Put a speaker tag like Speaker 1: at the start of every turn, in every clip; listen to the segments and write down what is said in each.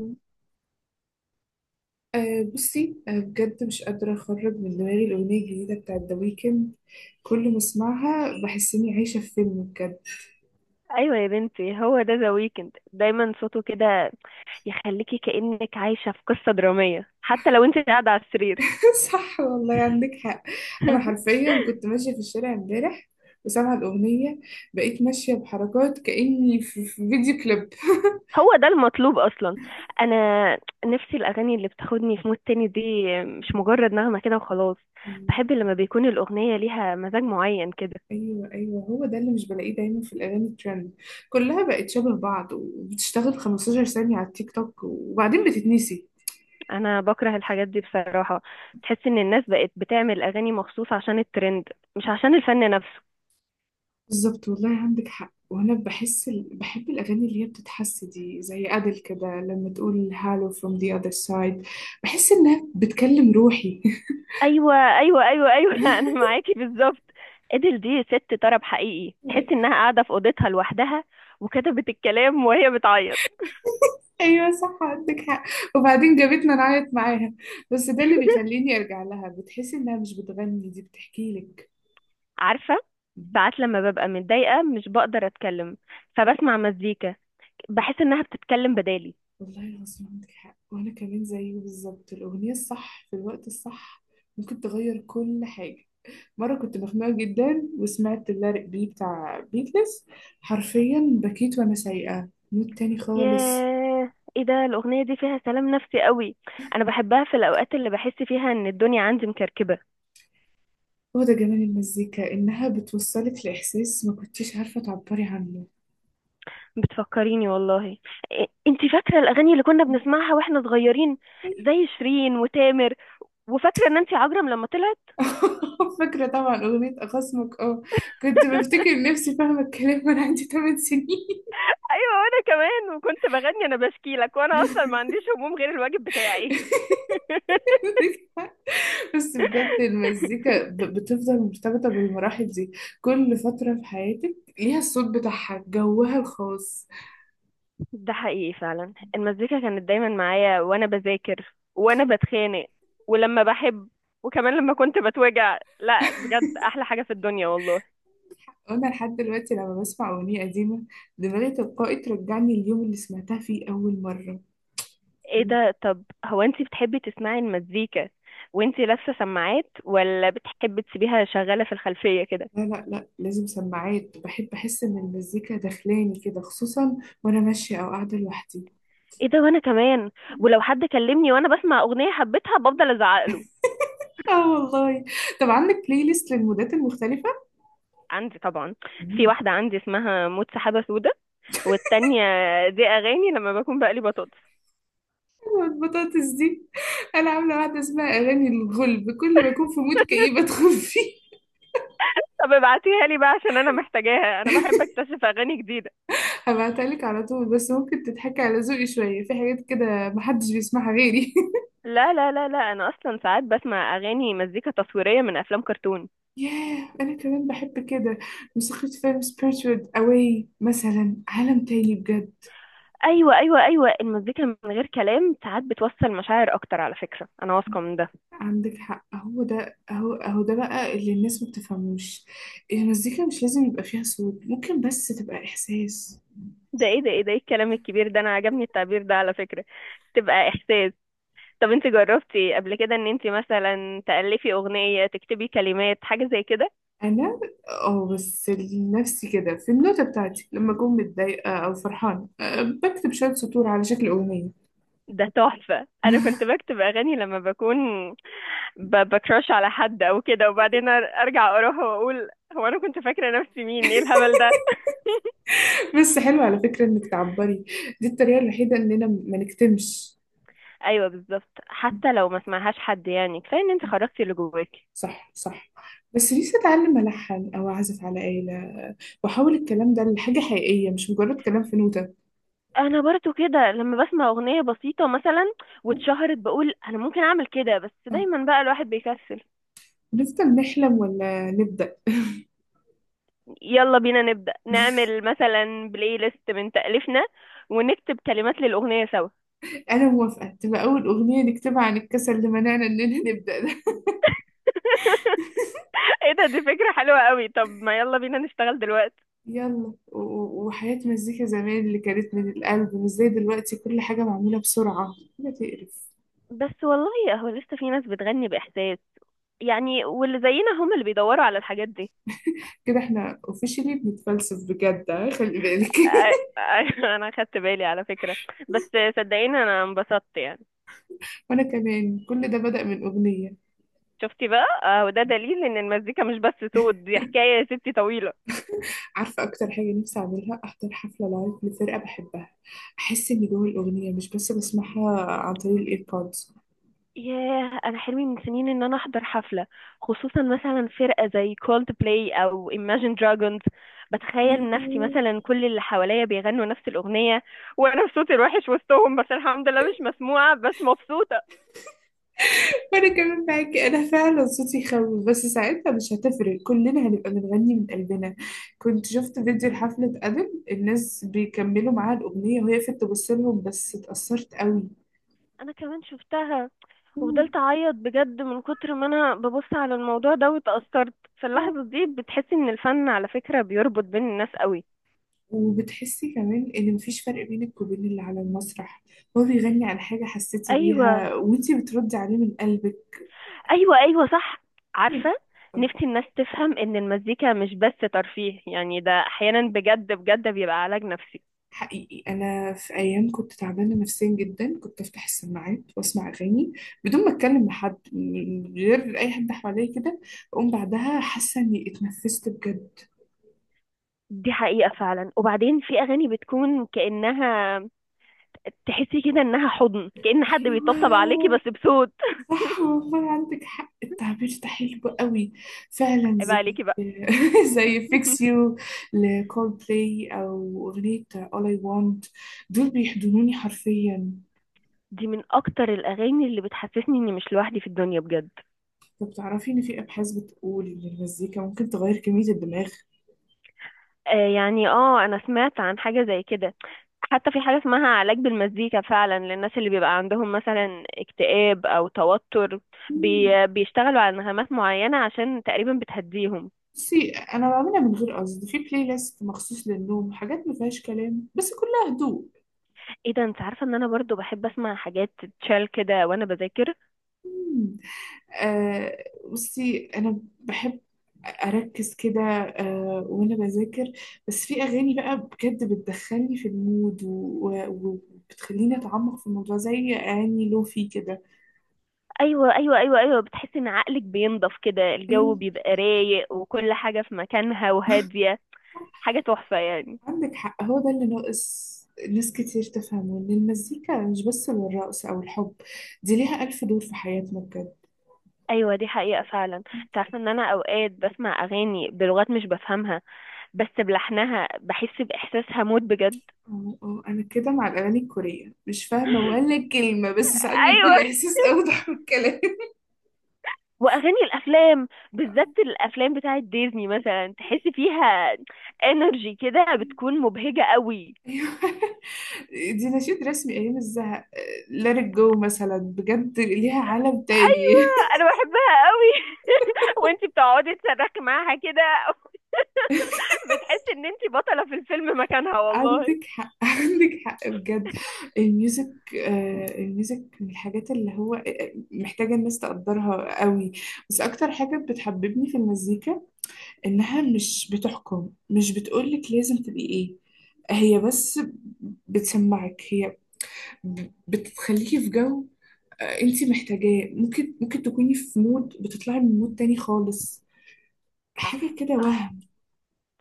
Speaker 1: أه بصي، بجد مش قادرة أخرج من دماغي الأغنية الجديدة بتاعت ذا ويكند. كل ما أسمعها بحس إني عايشة في فيلم بجد.
Speaker 2: ايوه يا بنتي، هو ده ذا ويكند دايما صوته كده، يخليكي كأنك عايشة في قصة درامية حتى لو انت قاعدة على السرير.
Speaker 1: صح والله، عندك حق. أنا حرفيا كنت ماشية في الشارع امبارح وسامعة الأغنية، بقيت ماشية بحركات كأني في فيديو كليب.
Speaker 2: هو ده المطلوب اصلا. انا نفسي الاغاني اللي بتاخدني في مود تاني دي، مش مجرد نغمة كده وخلاص. بحب لما بيكون الاغنية ليها مزاج معين كده.
Speaker 1: أيوه، أيوه، هو ده اللي مش بلاقيه دايما في الأغاني الترند. كلها بقت شبه بعض وبتشتغل 15 ثانية على التيك توك وبعدين بتتنسي.
Speaker 2: انا بكره الحاجات دي بصراحة، تحس ان الناس بقت بتعمل اغاني مخصوص عشان الترند، مش عشان الفن نفسه.
Speaker 1: بالظبط والله عندك حق. وانا بحس بحب الاغاني اللي هي بتتحس دي زي ادل، كده لما تقول هالو from the other side بحس انها بتكلم روحي.
Speaker 2: ايوه ايوه ايوه ايوه، انا معاكي بالظبط. ادل دي ست طرب حقيقي، تحس انها قاعده في اوضتها لوحدها وكتبت الكلام وهي بتعيط.
Speaker 1: ايوه، صح عندك حق. وبعدين جابتنا نعيط معاها. بس ده اللي بيخليني ارجع لها، بتحسي انها مش بتغني دي بتحكي لك.
Speaker 2: عارفه، ساعات لما ببقى متضايقه مش بقدر اتكلم، فبسمع مزيكا، بحس انها بتتكلم بدالي.
Speaker 1: والله العظيم عندك حق. وانا كمان زيه بالظبط. الاغنيه الصح في الوقت الصح ممكن تغير كل حاجه. مرة كنت مخنوقة جدا وسمعت اللارق بي بتاع بيتلز، حرفيا بكيت وأنا سايقة مود تاني خالص.
Speaker 2: ياه، ايه ده، الاغنيه دي فيها سلام نفسي قوي. انا بحبها في الاوقات اللي بحس فيها ان الدنيا عندي مكركبه.
Speaker 1: هو ده جمال المزيكا، إنها بتوصلك لإحساس ما كنتيش عارفة تعبري عنه.
Speaker 2: بتفكريني والله. إيه، انتي فاكره الاغاني اللي كنا بنسمعها واحنا صغيرين، زي شيرين وتامر؟ وفاكره نانسي عجرم لما طلعت؟
Speaker 1: فاكرة طبعا أغنية أخصمك اه، كنت بفتكر نفسي فاهمة الكلام وأنا عندي 8 سنين.
Speaker 2: ايوه وانا كمان، وكنت بغني انا بشكي لك وانا اصلا ما عنديش هموم غير الواجب بتاعي.
Speaker 1: بس بجد المزيكا بتفضل مرتبطة بالمراحل دي. كل فترة في حياتك ليها الصوت بتاعها جوها الخاص.
Speaker 2: ده حقيقي فعلا، المزيكا كانت دايما معايا وانا بذاكر وانا بتخانق ولما بحب، وكمان لما كنت بتوجع، لا بجد احلى حاجه في الدنيا والله.
Speaker 1: وانا لحد دلوقتي لما بسمع اغنيه قديمه دماغي تلقائي ترجعني اليوم اللي سمعتها فيه اول مره.
Speaker 2: ايه ده، طب هو انتي بتحبي تسمعي المزيكا وانتي لابسه سماعات، ولا بتحبي تسيبيها شغاله في الخلفيه كده؟
Speaker 1: لا، لا، لا، لازم سماعات. بحب احس ان المزيكا داخلاني كده، خصوصا وانا ماشيه او قاعده لوحدي.
Speaker 2: ايه ده، وانا كمان. ولو حد كلمني وانا بسمع اغنيه حبيتها بفضل ازعق له.
Speaker 1: اه والله. طب عندك بلاي ليست للمودات المختلفه؟
Speaker 2: عندي طبعا. في
Speaker 1: مم.
Speaker 2: واحده عندي اسمها موت سحابه سودا، والتانية دي اغاني لما بكون بقلي بطاطس.
Speaker 1: البطاطس دي. انا عامله واحده اسمها اغاني الغلب، كل ما اكون في مود كئيب ادخل فيه.
Speaker 2: طب ابعتيها لي بقى عشان انا محتاجاها، انا بحب اكتشف اغاني جديده.
Speaker 1: هبعتها لك على طول، بس ممكن تضحكي على ذوقي شويه. في حاجات كده محدش بيسمعها غيري.
Speaker 2: لا لا لا لا، انا اصلا ساعات بسمع اغاني مزيكا تصويريه من افلام كرتون.
Speaker 1: ياه، أنا كمان بحب كده. موسيقى فيلم Spirited Away مثلا عالم تاني بجد.
Speaker 2: ايوه ايوه ايوه، المزيكا من غير كلام ساعات بتوصل مشاعر اكتر على فكره، انا واثقه من ده.
Speaker 1: عندك حق. هو ده بقى اللي الناس ما بتفهموش. المزيكا مش لازم يبقى فيها صوت، ممكن بس تبقى إحساس.
Speaker 2: ده ايه الكلام الكبير ده، انا عجبني التعبير ده على فكره، تبقى احساس. طب انت جربتي قبل كده ان انت مثلا تألفي اغنية تكتبي كلمات حاجة زي كده؟
Speaker 1: أنا، اه بس لنفسي كده في النوتة بتاعتي، لما أكون متضايقة أو فرحانة بكتب شوية سطور على شكل أغنية.
Speaker 2: ده تحفة، انا كنت بكتب اغاني لما بكون بكراش على حد او كده، وبعدين ارجع اروح واقول هو انا كنت فاكرة نفسي مين، ايه الهبل ده.
Speaker 1: بس حلو على فكرة إنك تعبري. دي الطريقة الوحيدة إننا ما نكتمش.
Speaker 2: ايوه بالظبط، حتى لو ما سمعهاش حد يعني كفاية ان انت خرجتي اللي جواكي.
Speaker 1: صح، صح. بس نفسي أتعلم ألحن أو أعزف على آلة، وأحول الكلام ده لحاجة حقيقية مش مجرد كلام في نوتة.
Speaker 2: انا برضو كده، لما بسمع اغنية بسيطة مثلا واتشهرت بقول انا ممكن اعمل كده، بس
Speaker 1: آه.
Speaker 2: دايما بقى الواحد بيكسل.
Speaker 1: نفضل نحلم ولا نبدأ؟
Speaker 2: يلا بينا نبدأ نعمل مثلا بلاي ليست من تأليفنا، ونكتب كلمات للأغنية سوا.
Speaker 1: أنا موافقة تبقى أول أغنية نكتبها عن الكسل اللي منعنا إننا نبدأ ده.
Speaker 2: ايه ده، دي فكرة حلوة قوي، طب ما يلا بينا نشتغل دلوقتي.
Speaker 1: يلا. وحياة مزيكا زمان اللي كانت من القلب، مش زي دلوقتي كل حاجة معمولة بسرعة، حاجة تقرف.
Speaker 2: بس والله هو لسه في ناس بتغني بإحساس يعني، واللي زينا هم اللي بيدوروا على الحاجات دي.
Speaker 1: كده احنا اوفيشلي بنتفلسف بجد، خلي بالك.
Speaker 2: انا خدت بالي على فكرة، بس صدقيني انا انبسطت يعني.
Speaker 1: وانا كمان، كل ده بدأ من أغنية.
Speaker 2: شفتي بقى، آه، وده دليل ان المزيكا مش بس صوت، دي حكاية يا ستي طويلة.
Speaker 1: عارفة أكتر حاجة نفسي أعملها؟ أحضر حفلة لايف لفرقة بحبها، أحس إني جوه الأغنية مش بس بسمعها عن طريق الإيربودز.
Speaker 2: ياه، انا حلمي من سنين ان انا احضر حفله، خصوصا مثلا فرقه زي كولد بلاي او Imagine Dragons. بتخيل نفسي
Speaker 1: وأنا
Speaker 2: مثلا كل اللي حواليا بيغنوا نفس الاغنيه، وانا في صوتي الوحش وسطهم، بس الحمد لله مش مسموعه بس مبسوطه.
Speaker 1: كمان معاكي. أنا فعلا صوتي يخوف، بس ساعتها مش هتفرق، كلنا هنبقى بنغني من قلبنا. كنت شفت فيديو لحفلة أدل الناس بيكملوا معاها الأغنية وهي في تبصلهم، بس اتأثرت قوي.
Speaker 2: انا كمان شفتها،
Speaker 1: مم.
Speaker 2: وفضلت اعيط بجد من كتر ما انا ببص على الموضوع ده واتأثرت.
Speaker 1: آه.
Speaker 2: فاللحظه دي بتحسي ان الفن على فكره بيربط بين الناس قوي.
Speaker 1: وبتحسي كمان ان مفيش فرق بينك وبين اللي على المسرح. هو بيغني عن حاجة حسيتي
Speaker 2: ايوه،
Speaker 1: بيها وانتي بتردي عليه من قلبك.
Speaker 2: ايوه ايوه صح. عارفه، نفسي الناس تفهم ان المزيكا مش بس ترفيه يعني، ده احيانا بجد بجد بيبقى علاج نفسي.
Speaker 1: حقيقي، أنا في أيام كنت تعبانة نفسيا جدا، كنت أفتح السماعات وأسمع أغاني بدون ما أتكلم مع حد، من غير أي حد حواليا كده، أقوم بعدها حاسة إني اتنفست بجد.
Speaker 2: دي حقيقه فعلا. وبعدين في اغاني بتكون كانها، تحسي كده انها حضن، كأن حد بيطبطب عليكي
Speaker 1: أيوه،
Speaker 2: بس بصوت.
Speaker 1: صح والله عندك حق، التعبير ده حلو قوي. فعلا
Speaker 2: عيب
Speaker 1: زي
Speaker 2: عليكي بقى.
Speaker 1: زي فيكس يو لكول بلاي، أو أغنية All I Want، دول بيحضنوني حرفيا.
Speaker 2: دي من اكتر الاغاني اللي بتحسسني اني مش لوحدي في الدنيا بجد.
Speaker 1: طب تعرفي إن في أبحاث بتقول إن المزيكا ممكن تغير كمية الدماغ؟
Speaker 2: آه يعني، اه انا سمعت عن حاجه زي كده. حتى في حاجة اسمها علاج بالمزيكا فعلا للناس اللي بيبقى عندهم مثلا اكتئاب أو توتر.
Speaker 1: مم.
Speaker 2: بي بيشتغلوا على نغمات معينة عشان تقريبا بتهديهم.
Speaker 1: بصي، انا بعملها من غير قصد، في بلاي ليست مخصوص للنوم حاجات ما فيهاش كلام بس كلها هدوء.
Speaker 2: ايه ده، انت عارفة ان انا برضو بحب اسمع حاجات تشال كده وانا بذاكر.
Speaker 1: مم. آه بصي، انا بحب اركز كده، وانا بذاكر. بس في اغاني بقى بجد بتدخلني في المود وبتخليني اتعمق في الموضوع زي اغاني لوفي كده.
Speaker 2: ايوه ايوه ايوه ايوه، بتحس ان عقلك بينضف كده، الجو
Speaker 1: ايوه،
Speaker 2: بيبقى رايق وكل حاجة في مكانها وهادية، حاجة تحفة يعني.
Speaker 1: عندك حق، هو ده اللي ناقص. ناس كتير تفهمه ان المزيكا مش بس للرقص او الحب، دي ليها الف دور في حياتنا بجد.
Speaker 2: ايوه دي حقيقة فعلا. انت عارفة ان انا اوقات بسمع اغاني بلغات مش بفهمها، بس بلحنها بحس باحساسها موت بجد.
Speaker 1: اه، اه، انا كده مع الاغاني الكوريه مش فاهمه ولا كلمه، بس ساعات بيكون
Speaker 2: ايوه
Speaker 1: الاحساس اوضح من الكلام.
Speaker 2: واغاني الافلام، بالذات الافلام بتاعه ديزني مثلا، تحس فيها انرجي كده بتكون مبهجه قوي.
Speaker 1: ايوه، دي نشيد رسمي ايام الزهق. ليت جو مثلا بجد ليها عالم تاني.
Speaker 2: ايوه انا بحبها قوي. وانتي بتقعدي تصرخي معاها كده، بتحسي ان انتي بطلة في الفيلم مكانها والله.
Speaker 1: عندك حق، عندك حق بجد. الميوزك، الميوزك من الحاجات اللي هو محتاجة الناس تقدرها قوي. بس أكتر حاجة بتحببني في المزيكا إنها مش بتحكم، مش بتقولك لازم تبقي إيه، هي بس بتسمعك، هي بتخليكي في جو انتي محتاجاه. ممكن تكوني في مود، بتطلعي من مود تاني خالص، حاجة
Speaker 2: صح
Speaker 1: كده
Speaker 2: صح،
Speaker 1: وهم.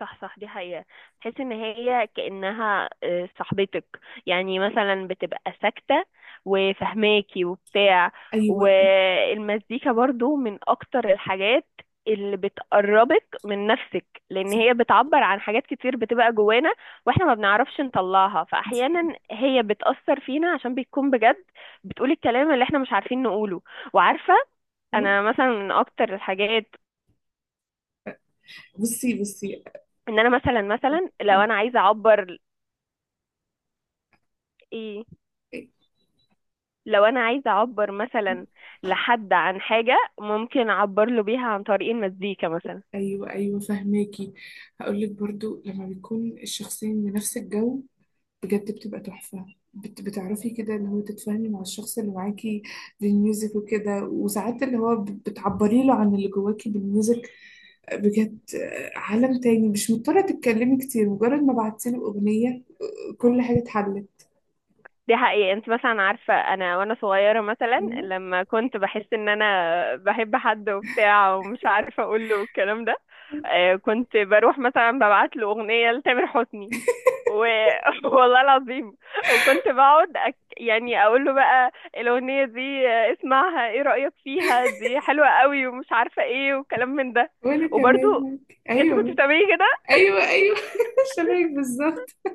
Speaker 2: صح صح، دي حقيقة. تحس ان هي كأنها آه، صاحبتك يعني، مثلا بتبقى ساكتة وفهماكي وبتاع.
Speaker 1: أيوة،
Speaker 2: والمزيكا برضو من اكتر الحاجات اللي بتقربك من نفسك، لان
Speaker 1: صح.
Speaker 2: هي بتعبر عن حاجات كتير بتبقى جوانا واحنا ما بنعرفش نطلعها،
Speaker 1: انتي.
Speaker 2: فاحيانا هي بتأثر فينا عشان بتكون بجد بتقول الكلام اللي احنا مش عارفين نقوله. وعارفة،
Speaker 1: أهو.
Speaker 2: انا مثلا من اكتر الحاجات،
Speaker 1: بصي، بصي.
Speaker 2: ان انا مثلا لو
Speaker 1: أه،
Speaker 2: انا عايزة اعبر، ايه، لو انا عايزه اعبر مثلا لحد عن حاجه ممكن اعبر له بيها عن طريق المزيكا مثلا.
Speaker 1: أيوة، أيوة، فهماكي. هقولك برضو، لما بيكون الشخصين من نفس الجو بجد بتبقى تحفة. بتعرفي كده اللي هو تتفاهمي مع الشخص اللي معاكي بالميوزك وكده. وساعات اللي هو بتعبري له عن اللي جواكي بالميوزك بجد، عالم تاني، مش مضطرة تتكلمي كتير، مجرد ما بعتي له أغنية كل حاجة اتحلت.
Speaker 2: دي حقيقة. انت مثلا عارفة انا وانا صغيرة مثلا،
Speaker 1: أيوة،
Speaker 2: لما كنت بحس ان انا بحب حد وبتاع ومش عارفة اقول له الكلام ده، آه، كنت بروح مثلا ببعت له اغنية لتامر حسني. و... والله العظيم. وكنت بقعد يعني اقول له بقى الاغنيه دي آه، اسمعها ايه رايك فيها، دي حلوه قوي ومش عارفه ايه وكلام من ده.
Speaker 1: وأنا
Speaker 2: وبرضو
Speaker 1: كمان معاك.
Speaker 2: انت كنت
Speaker 1: أيوة،
Speaker 2: بتعملي كده؟
Speaker 1: أيوة. أيوه شبهك بالظبط.